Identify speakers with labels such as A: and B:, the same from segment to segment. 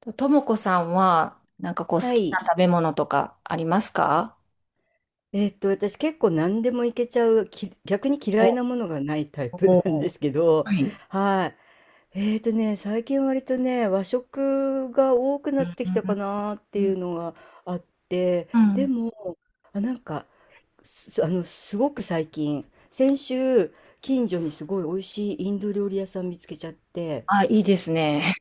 A: ともこさんは、好
B: は
A: きな
B: い。
A: 食べ物とかありますか？
B: 私結構何でもいけちゃう、逆に嫌
A: お
B: いなものがないタイプ
A: お、
B: なん ですけど、
A: はい。
B: はい。最近割とね、和食が多く
A: う
B: なっ
A: ん、
B: て
A: う
B: きたか
A: ん、
B: なって
A: う
B: いう
A: ん。
B: のがあって、
A: う
B: で
A: ん。
B: も、あ、なんか、す、あの、すごく最近、先週、近所にすごい美味しいインド料理屋さん見つけちゃって、
A: あ、いいですね。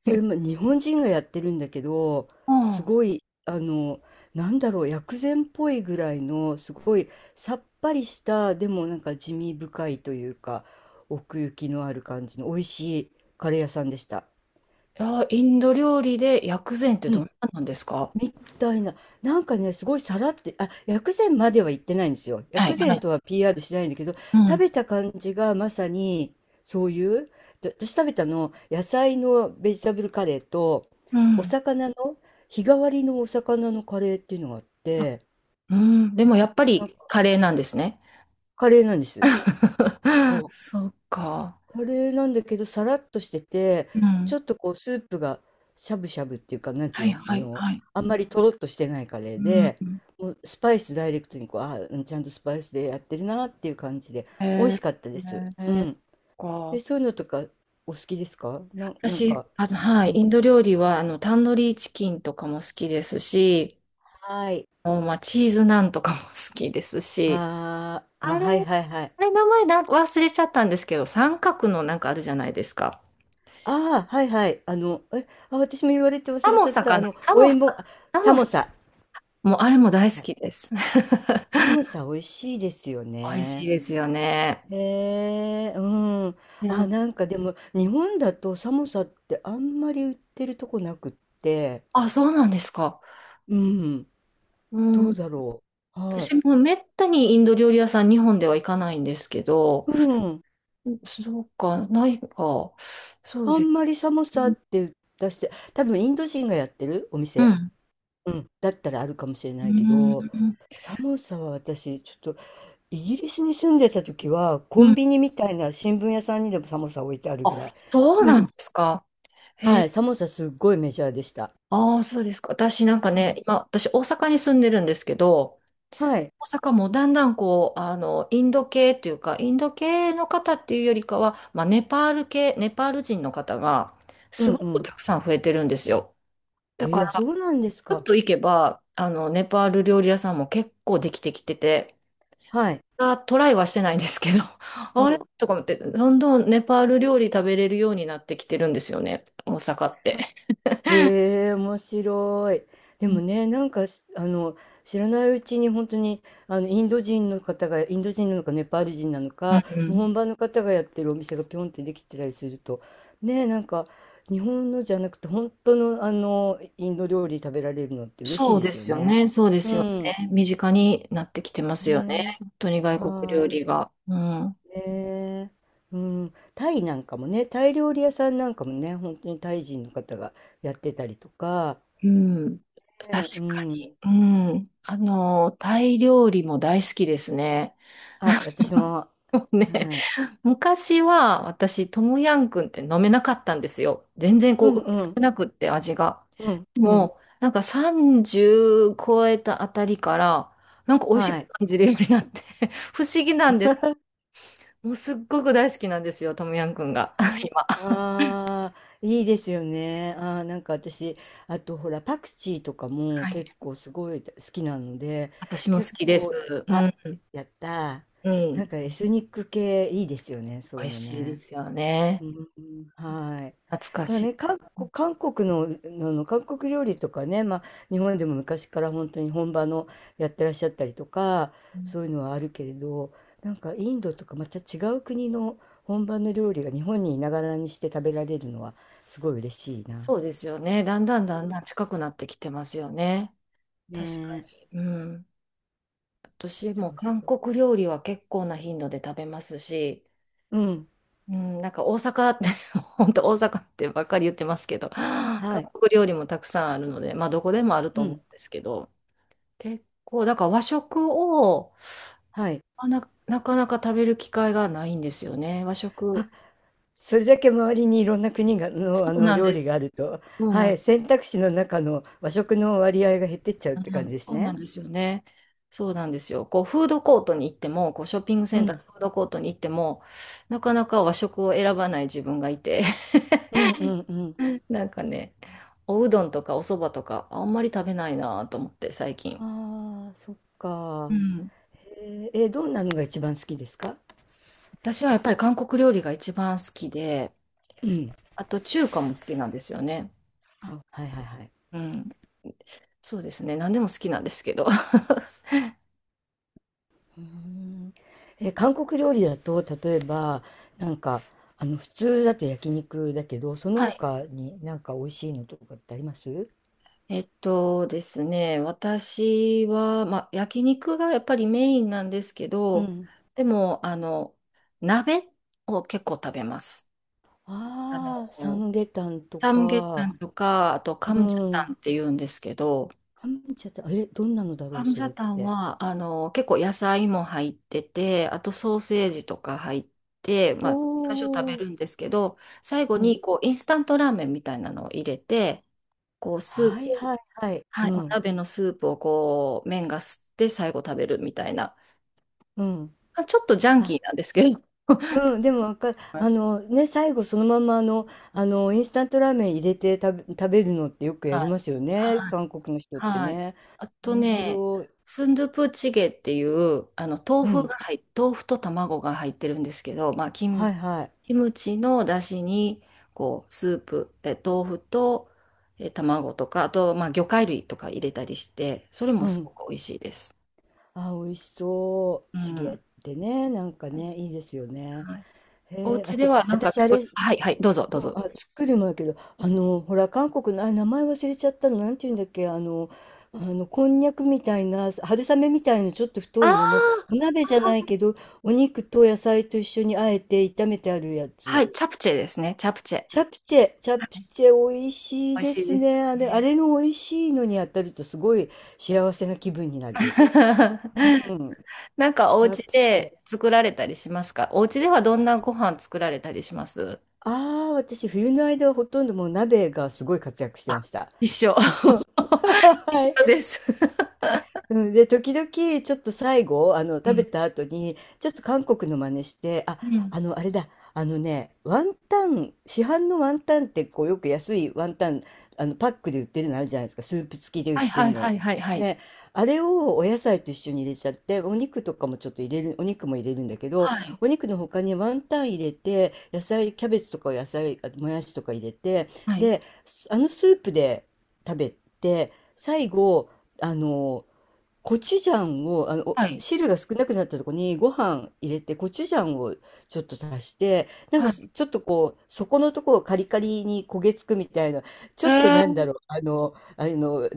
B: それも日本人がやってるんだけど、
A: うん。い
B: すごい、なんだろう、薬膳っぽいぐらいの、すごいさっぱりした、でもなんか地味深いというか、奥行きのある感じの美味しいカレー屋さんでした。
A: や、インド料理で薬膳って
B: う
A: どん
B: ん。
A: ななんですか？
B: みたいな。なんかね、すごいさらって、あ、薬膳までは言ってないんですよ。
A: はい、
B: 薬
A: は
B: 膳と
A: い。
B: は PR しないんだけど、
A: う
B: 食
A: ん、
B: べた感じがまさにそういう、で私食べたの、野菜のベジタブルカレーと、
A: う
B: お
A: ん。
B: 魚の、日替わりのお魚のカレーっていうのがあっ
A: あ、
B: て、
A: うん、でもやっぱ
B: なんか
A: りカレーなんですね。
B: カレーなんです。そう。
A: そうか。
B: カレーなんだけど、さらっとしてて、
A: う
B: ち
A: ん。
B: ょっとこうスープがしゃぶしゃぶっていうか、なんて
A: は
B: いう
A: い、
B: の、
A: は
B: あ
A: い、
B: の、
A: はい。
B: あんまりとろっとしてないカレ
A: う
B: ーで、
A: ん。
B: もうスパイスダイレクトにこう、あ、うんちゃんとスパイスでやってるなっていう感じで、美味
A: え
B: しかったで
A: ー、
B: す。う
A: えー、
B: ん。
A: そ
B: え、
A: っか。
B: そういうのとかお好きですかな、なん
A: 私、
B: か、
A: は
B: う
A: い、
B: ん。
A: インド料理は、タンドリーチキンとかも好きですし、
B: はい。
A: もうまあ、チーズナンとかも好きですし、
B: あー
A: あ
B: あ、
A: れ、
B: はいはいはい。
A: あれ、名前な、忘れちゃったんですけど、三角のなんかあるじゃないですか。
B: ああ、はいはい。私も言われて忘
A: サ
B: れ
A: モ
B: ちゃっ
A: サ
B: た。
A: か
B: あ
A: な、
B: の、
A: サ
B: お
A: モサ、
B: 芋、あ、
A: サ
B: サ
A: モ
B: モ
A: サ、
B: サ。
A: もうあれも大好
B: はい、
A: きです。
B: サモサ美味しいですよ
A: 美味しい
B: ね。
A: ですよね。
B: へえ、うん。
A: い
B: あ、
A: や、
B: なんかでも、日本だと寒さってあんまり売ってるとこなくって、
A: あ、そうなんですか。
B: うん。ど
A: うん、
B: うだろう。はい。
A: 私もめったにインド料理屋さん、日本では行かないんですけど、
B: うん。
A: そうか、ないか、そう
B: あ
A: です。
B: んまり寒さって出して、多分インド人がやってるお
A: う
B: 店。
A: ん。
B: うん。だったらあるかもしれ
A: うー
B: ないけど、
A: ん、
B: 寒さは私、ちょっと、イギリスに住んでた時は、コ
A: う
B: ン
A: ん。
B: ビニみたいな新聞屋さんにでも寒さ置いてあるぐ
A: あ、
B: らい。
A: そう
B: う
A: なんで
B: ん。
A: すか。へ
B: は
A: え、
B: い。寒さすっごいメジャーでした。
A: ああ、そうですか。私なんか
B: う
A: ね、
B: ん。
A: 今、私大阪に住んでるんですけど、
B: はい。
A: 大阪もだんだんこう、インド系というか、インド系の方っていうよりかは、まあ、ネパール系、ネパール人の方が、
B: う
A: す
B: ん
A: ご
B: う
A: く
B: ん。
A: たくさん増えてるんですよ。だか
B: えー、あ、そ
A: ら、
B: うなんです
A: ちょっ
B: か。
A: と行けば、ネパール料理屋さんも結構できてきてて、
B: はい。
A: あ、トライはしてないんですけど、
B: う
A: あれ
B: ん。
A: とか思って、どんどんネパール料理食べれるようになってきてるんですよね、大阪って。
B: あ、へえ、面白い。で
A: うん
B: もね、なんかし、あの、知らないうちに本当に、あの、インド人の方が、インド人なのか、ネパール人なの
A: う
B: か、もう
A: ん。
B: 本場の方がやってるお店がピョンってできてたりすると、ね、なんか、日本のじゃなくて、本当の、あの、インド料理食べられるのって嬉しい
A: そう
B: で
A: で
B: すよ
A: すよ
B: ね。
A: ね、そうで
B: う
A: すよ
B: ん。
A: ね。身近になってきてますよね。
B: ね、
A: 本当に外国料
B: はー
A: 理
B: い。
A: が。うん。
B: ねえ、うん、タイなんかもね、タイ料理屋さんなんかもね、本当にタイ人の方がやってたりとか、
A: うん。確
B: ねう
A: か
B: ん、
A: に。うん。あの、タイ料理も大好きですね。
B: あ、私も、
A: もうね、
B: はい、
A: 昔は私、トムヤンクンって飲めなかったんですよ。全然
B: うん
A: こう、
B: うん
A: 少なくって味が。
B: うんうん
A: もう、なんか30超えたあたりから、なんか美味し
B: は
A: く
B: い。
A: 感じるようになって 不思議なんです。もうすっごく大好きなんですよ、トムヤンくんが、今。
B: ああー、いいですよね。あー、なんか私、あとほら、パクチーとかも
A: はい。
B: 結構すごい好きなので、
A: 私も
B: 結
A: 好きで
B: 構、
A: す。う
B: あ、
A: ん、
B: やった
A: う
B: ー。なん
A: ん。
B: かエスニック系いいですよね、そう
A: 美
B: いう
A: 味
B: の
A: しいで
B: ね。
A: すよね。
B: うん、はい。
A: 懐か
B: まあ
A: しい。
B: ね、韓国、韓国の、あの、韓国料理とかね、まあ、日本でも昔から本当に本場のやってらっしゃったりとか、
A: うん。
B: そういうのはあるけれど、なんかインドとかまた違う国の本場の料理が日本にいながらにして食べられるのはすごい嬉しいな。
A: そうですよね。だんだんだんだん近くなってきてますよね。
B: ね
A: 確か
B: え。
A: に。うん。私
B: そ
A: も
B: う
A: 韓
B: そう。
A: 国料理は結構な頻度で食べますし、
B: うん。
A: うん、なんか大阪って 本当大阪ってばっかり言ってますけど、韓
B: はい。
A: 国料理もたくさんあるので、まあどこでもあると
B: う
A: 思
B: ん。
A: うんですけど、結構、だから和食を、
B: はい。
A: あな、なかなか食べる機会がないんですよね。和食。
B: あ、それだけ周りにいろんな国が
A: そ
B: の、あ
A: う
B: の
A: なん
B: 料
A: で
B: 理
A: す。
B: があると、
A: そう
B: は
A: なん、
B: い、選択肢の中の和食の割合が減ってっちゃうって
A: う
B: 感じ
A: ん、
B: です
A: そうなん
B: ね。
A: ですよね。そうなんですよ。こうフードコートに行っても、こうショッピングセ
B: う
A: ンター
B: ん。
A: のフードコートに行っても、なかなか和食を選ばない自分がいて、
B: うんうんうん。
A: なんかね、おうどんとかおそばとかあんまり食べないなと思って最近。
B: ああ、そっ
A: う
B: か。
A: ん。
B: へえ、え、どんなのが一番好きですか？
A: 私はやっぱり韓国料理が一番好きで、
B: うん。
A: あと中華も好きなんですよね。
B: あ、はいはいはい。
A: うん。そうですね。何でも好きなんですけど。
B: うーん。え、韓国料理だと、例えば、なんか、あの、普通だと焼肉だけど、その
A: はい。
B: 他になんか美味しいのとかってあります？
A: えっとですね、私は、まあ、焼肉がやっぱりメインなんですけ
B: う
A: ど、
B: ん。
A: でも、鍋を結構食べます。あ
B: ああ、サ
A: の、
B: ムゲタンと
A: サムゲタ
B: か、
A: ンとか、あとカ
B: う
A: ムジャタ
B: ん。
A: ンって言うんですけど、
B: 乾麺茶って、あえ、どんなのだろ
A: ハ
B: う、
A: ム
B: それ
A: サ
B: っ
A: タン
B: て。
A: は、結構野菜も入ってて、あとソーセージとか入って、
B: お
A: まあ、最初食べ
B: お、
A: るんですけど、最後
B: うん。
A: に、こう、インスタントラーメンみたいなのを入れて、こう、スー
B: はい
A: プ、
B: はいはい。
A: は
B: う
A: い、お
B: ん、
A: 鍋のスープをこう、麺が吸って最後食べるみたいな、
B: うん。
A: まあ、ちょっとジャンキー
B: あ、
A: なんですけど、
B: うん、でもわかる。最後そのままあの、あの、インスタントラーメン入れて食べるのってよくや
A: は
B: り
A: い、
B: ますよね、
A: はい
B: 韓国の人って
A: はい。
B: ね。
A: あと
B: 面
A: ね、
B: 白い。
A: スンドゥプチゲっていう、
B: うん。
A: 豆腐と卵が入ってるんですけど、まあ、キム、
B: はいはい。
A: キムチの出汁に、こう、スープ、え、豆腐と、え、卵とか、あと、まあ、魚介類とか入れたりして、それも
B: う
A: すご
B: ん。
A: く美味しいです。
B: あ、美味しそう。
A: う
B: チ
A: ん。
B: ゲ
A: は
B: ってね、なんかね、いいですよね。
A: い。
B: へ
A: お
B: え、あ
A: 家で
B: と、
A: はなんか
B: 私あ
A: 作る、
B: れ
A: はい、はい、どうぞ、どう
B: うん、
A: ぞ。
B: あ、作るもんやけど、あの、ほら、韓国の、あ、名前忘れちゃったの、なんていうんだっけ、あの、こんにゃくみたいな、春雨みたいな、ちょっと
A: あ
B: 太い
A: あ、
B: のの、お鍋じゃないけど、お肉と野菜と一緒にあえて炒めてあるや
A: は
B: つ。
A: い、チャプチェですね、チャプチェ。
B: チャプチェ、チャ
A: は
B: プ
A: い、
B: チェ、美味しい
A: 美味
B: で
A: しい
B: す
A: ですよ
B: ね。あれ、あ
A: ね。
B: れの美味しいのに当たると、すごい幸せな気分になる。う ん、
A: なんかお
B: チャ
A: 家
B: プチェ。
A: で作られたりしますか？お家ではどんなご飯作られたりします？
B: ああ、私、冬の間はほとんどもう鍋がすごい活躍して
A: あ、
B: ました。
A: 一緒。一
B: は
A: 緒
B: い。
A: です。
B: うん、で、時々、ちょっと最後、あの、
A: う
B: 食べ
A: ん。
B: た後に、ちょっと韓国の真似して、あ、
A: うん。
B: あの、あれだ、あのね、ワンタン、市販のワンタンって、こう、よく安いワンタン、あの、パックで売ってるのあるじゃないですか、スープ付きで売っ
A: はい
B: て
A: は
B: る
A: いは
B: の。
A: いはいはい。
B: ね、あれをお野菜と一緒に入れちゃって、お肉とかもちょっと入れる、お肉も入れるんだけど、
A: はい。
B: お肉の他にワンタン入れて、野菜、キャベツとか野菜、あともやしとか入れて、
A: はい。
B: で、あのスープで食べて、最後、あの、コチュジャンを、あの、お
A: はい。
B: 汁が少なくなったとこにご飯入れて、コチュジャンをちょっと足して、なん
A: は
B: か
A: い。
B: すちょっとこう、底のところをカリカリに焦げつくみたいな、ちょっとなん
A: え
B: だろう、あの、あの、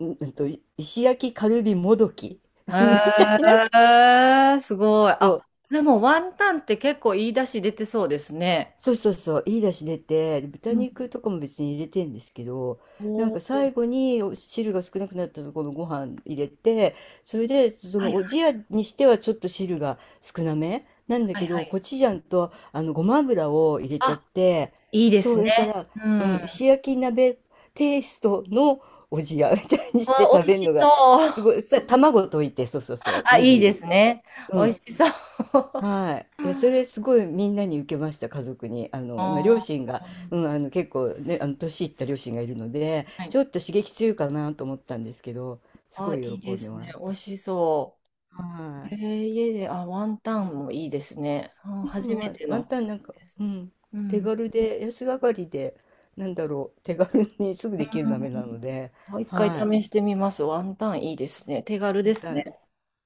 B: んんと、石焼きカルビもどき
A: ー、
B: みたいな、
A: えー、すごい。
B: そ
A: あ、
B: う
A: でもワンタンって結構言い出し出てそうですね。
B: そうそうそう、いい出汁出て、で
A: う
B: 豚
A: ん。
B: 肉とかも別に入れてんですけど、なん
A: お
B: か
A: お、
B: 最後にお汁が少なくなったところのご飯入れて、それで、そ
A: は
B: の
A: い
B: おじやにしてはちょっと汁が少なめなんだ
A: はい
B: け
A: は
B: ど、
A: い。
B: コチュジャンとあのごま油を入れちゃっ
A: あ、
B: て、
A: いいで
B: そ
A: す
B: う、だか
A: ね。
B: ら、
A: う
B: う
A: ん。
B: ん、石焼き鍋テイストのおじやみたいにして
A: わ、
B: 食
A: 美味
B: べる
A: し
B: の
A: そ
B: が、す
A: う。
B: ごい、さ、卵溶いて、そうそうそ う、
A: あ、
B: ネ
A: いい
B: ギ入
A: で
B: れ
A: す
B: て。
A: ね。
B: う
A: 美味
B: ん。
A: しそう。
B: はい。いや、それす ごいみんなに受けました、家族に。あの、今、両
A: あ
B: 親が、
A: ー、
B: うん、あの、結構ね、あの、年いった両親がいるので、
A: はい。
B: ちょっと刺激強いかなと思ったんですけど、す
A: あ、
B: ごい
A: いい
B: 喜
A: で
B: んで
A: す
B: もら
A: ね。
B: っ
A: 美味
B: た。
A: しそ
B: は
A: う。えー、家で、あ、ワン
B: い。
A: タン
B: で
A: もいいですね。あ、
B: う
A: 初
B: ん、
A: め
B: ワン
A: て
B: ワン
A: の。
B: タンなんか、うん、
A: う
B: 手
A: ん。
B: 軽で、安上がりで、なんだろう、手軽にすぐ
A: う
B: できる鍋な
A: ん。
B: ので、
A: あ、一回
B: はい。
A: 試してみます。ワンタンいいですね。手軽
B: ワ
A: で
B: ン
A: す
B: タ
A: ね。
B: ン、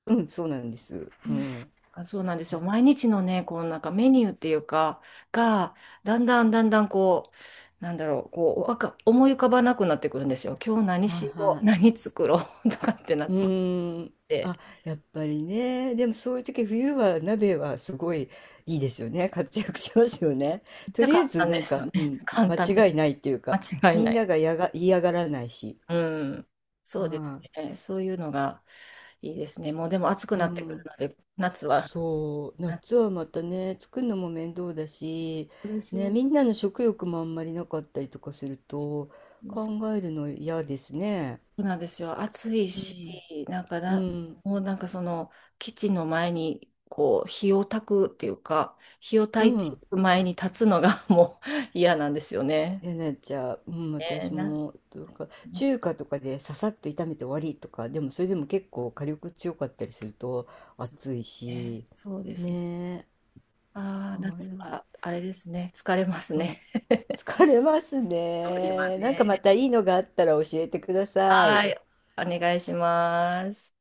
B: うん、そうなんです。
A: う
B: う
A: ん。
B: ん。はい
A: あ、そうなんですよ。毎日のね、こうなんかメニューっていうか、が、だんだんだんだんこう、なんだろう、こう、わか、思い浮かばなくなってくるんですよ。今日何しよ
B: は
A: う、
B: い。
A: 何作ろう とかってな
B: う
A: っ
B: ーん。
A: て、
B: あ、やっぱりね。でもそういう時、冬は鍋はすごいいいですよね。活躍しますよね。
A: めっち
B: と
A: ゃ
B: りあ
A: 簡
B: えず
A: 単
B: な
A: で
B: ん
A: すよ
B: か、
A: ね。
B: うん、
A: 簡単で
B: 間
A: す。
B: 違いないっていうか、
A: 間違い
B: み
A: な
B: んな
A: い。
B: がやが、嫌がらないし。
A: うん。そうです
B: は
A: ね。そういうのがいいですね。もうでも暑く
B: い、う
A: なってくる
B: ん。
A: ので、夏は。
B: そう。夏はまたね、作るのも面倒だし、
A: そうです
B: ね、
A: よ。
B: みんなの食欲もあんまりなかったりとかする
A: そ
B: と、考えるの嫌ですね。
A: うなんですよ。暑い
B: う
A: し、
B: ん。
A: なんか
B: う
A: な、
B: ん。
A: もうなんかその、基地の前に、こう、火を焚くっていうか、火を焚
B: う
A: いてい
B: ん。
A: く前に立つのが もう嫌なんですよね。
B: えなっちゃう、うん、
A: ねえ
B: 私
A: な、
B: も、とか、
A: な、
B: 中華とかでささっと炒めて終わりとか、でもそれでも結構火力強かったりすると
A: そ
B: 暑いし、
A: うですね。
B: ねえ、
A: ああ、
B: はい、
A: 夏
B: なん
A: はあれですね。疲れます
B: うん、
A: ね。
B: 疲れます
A: 料理は
B: ね。なんか
A: ね。
B: またいいのがあったら教えてくださ
A: は
B: い。
A: い。お願いします。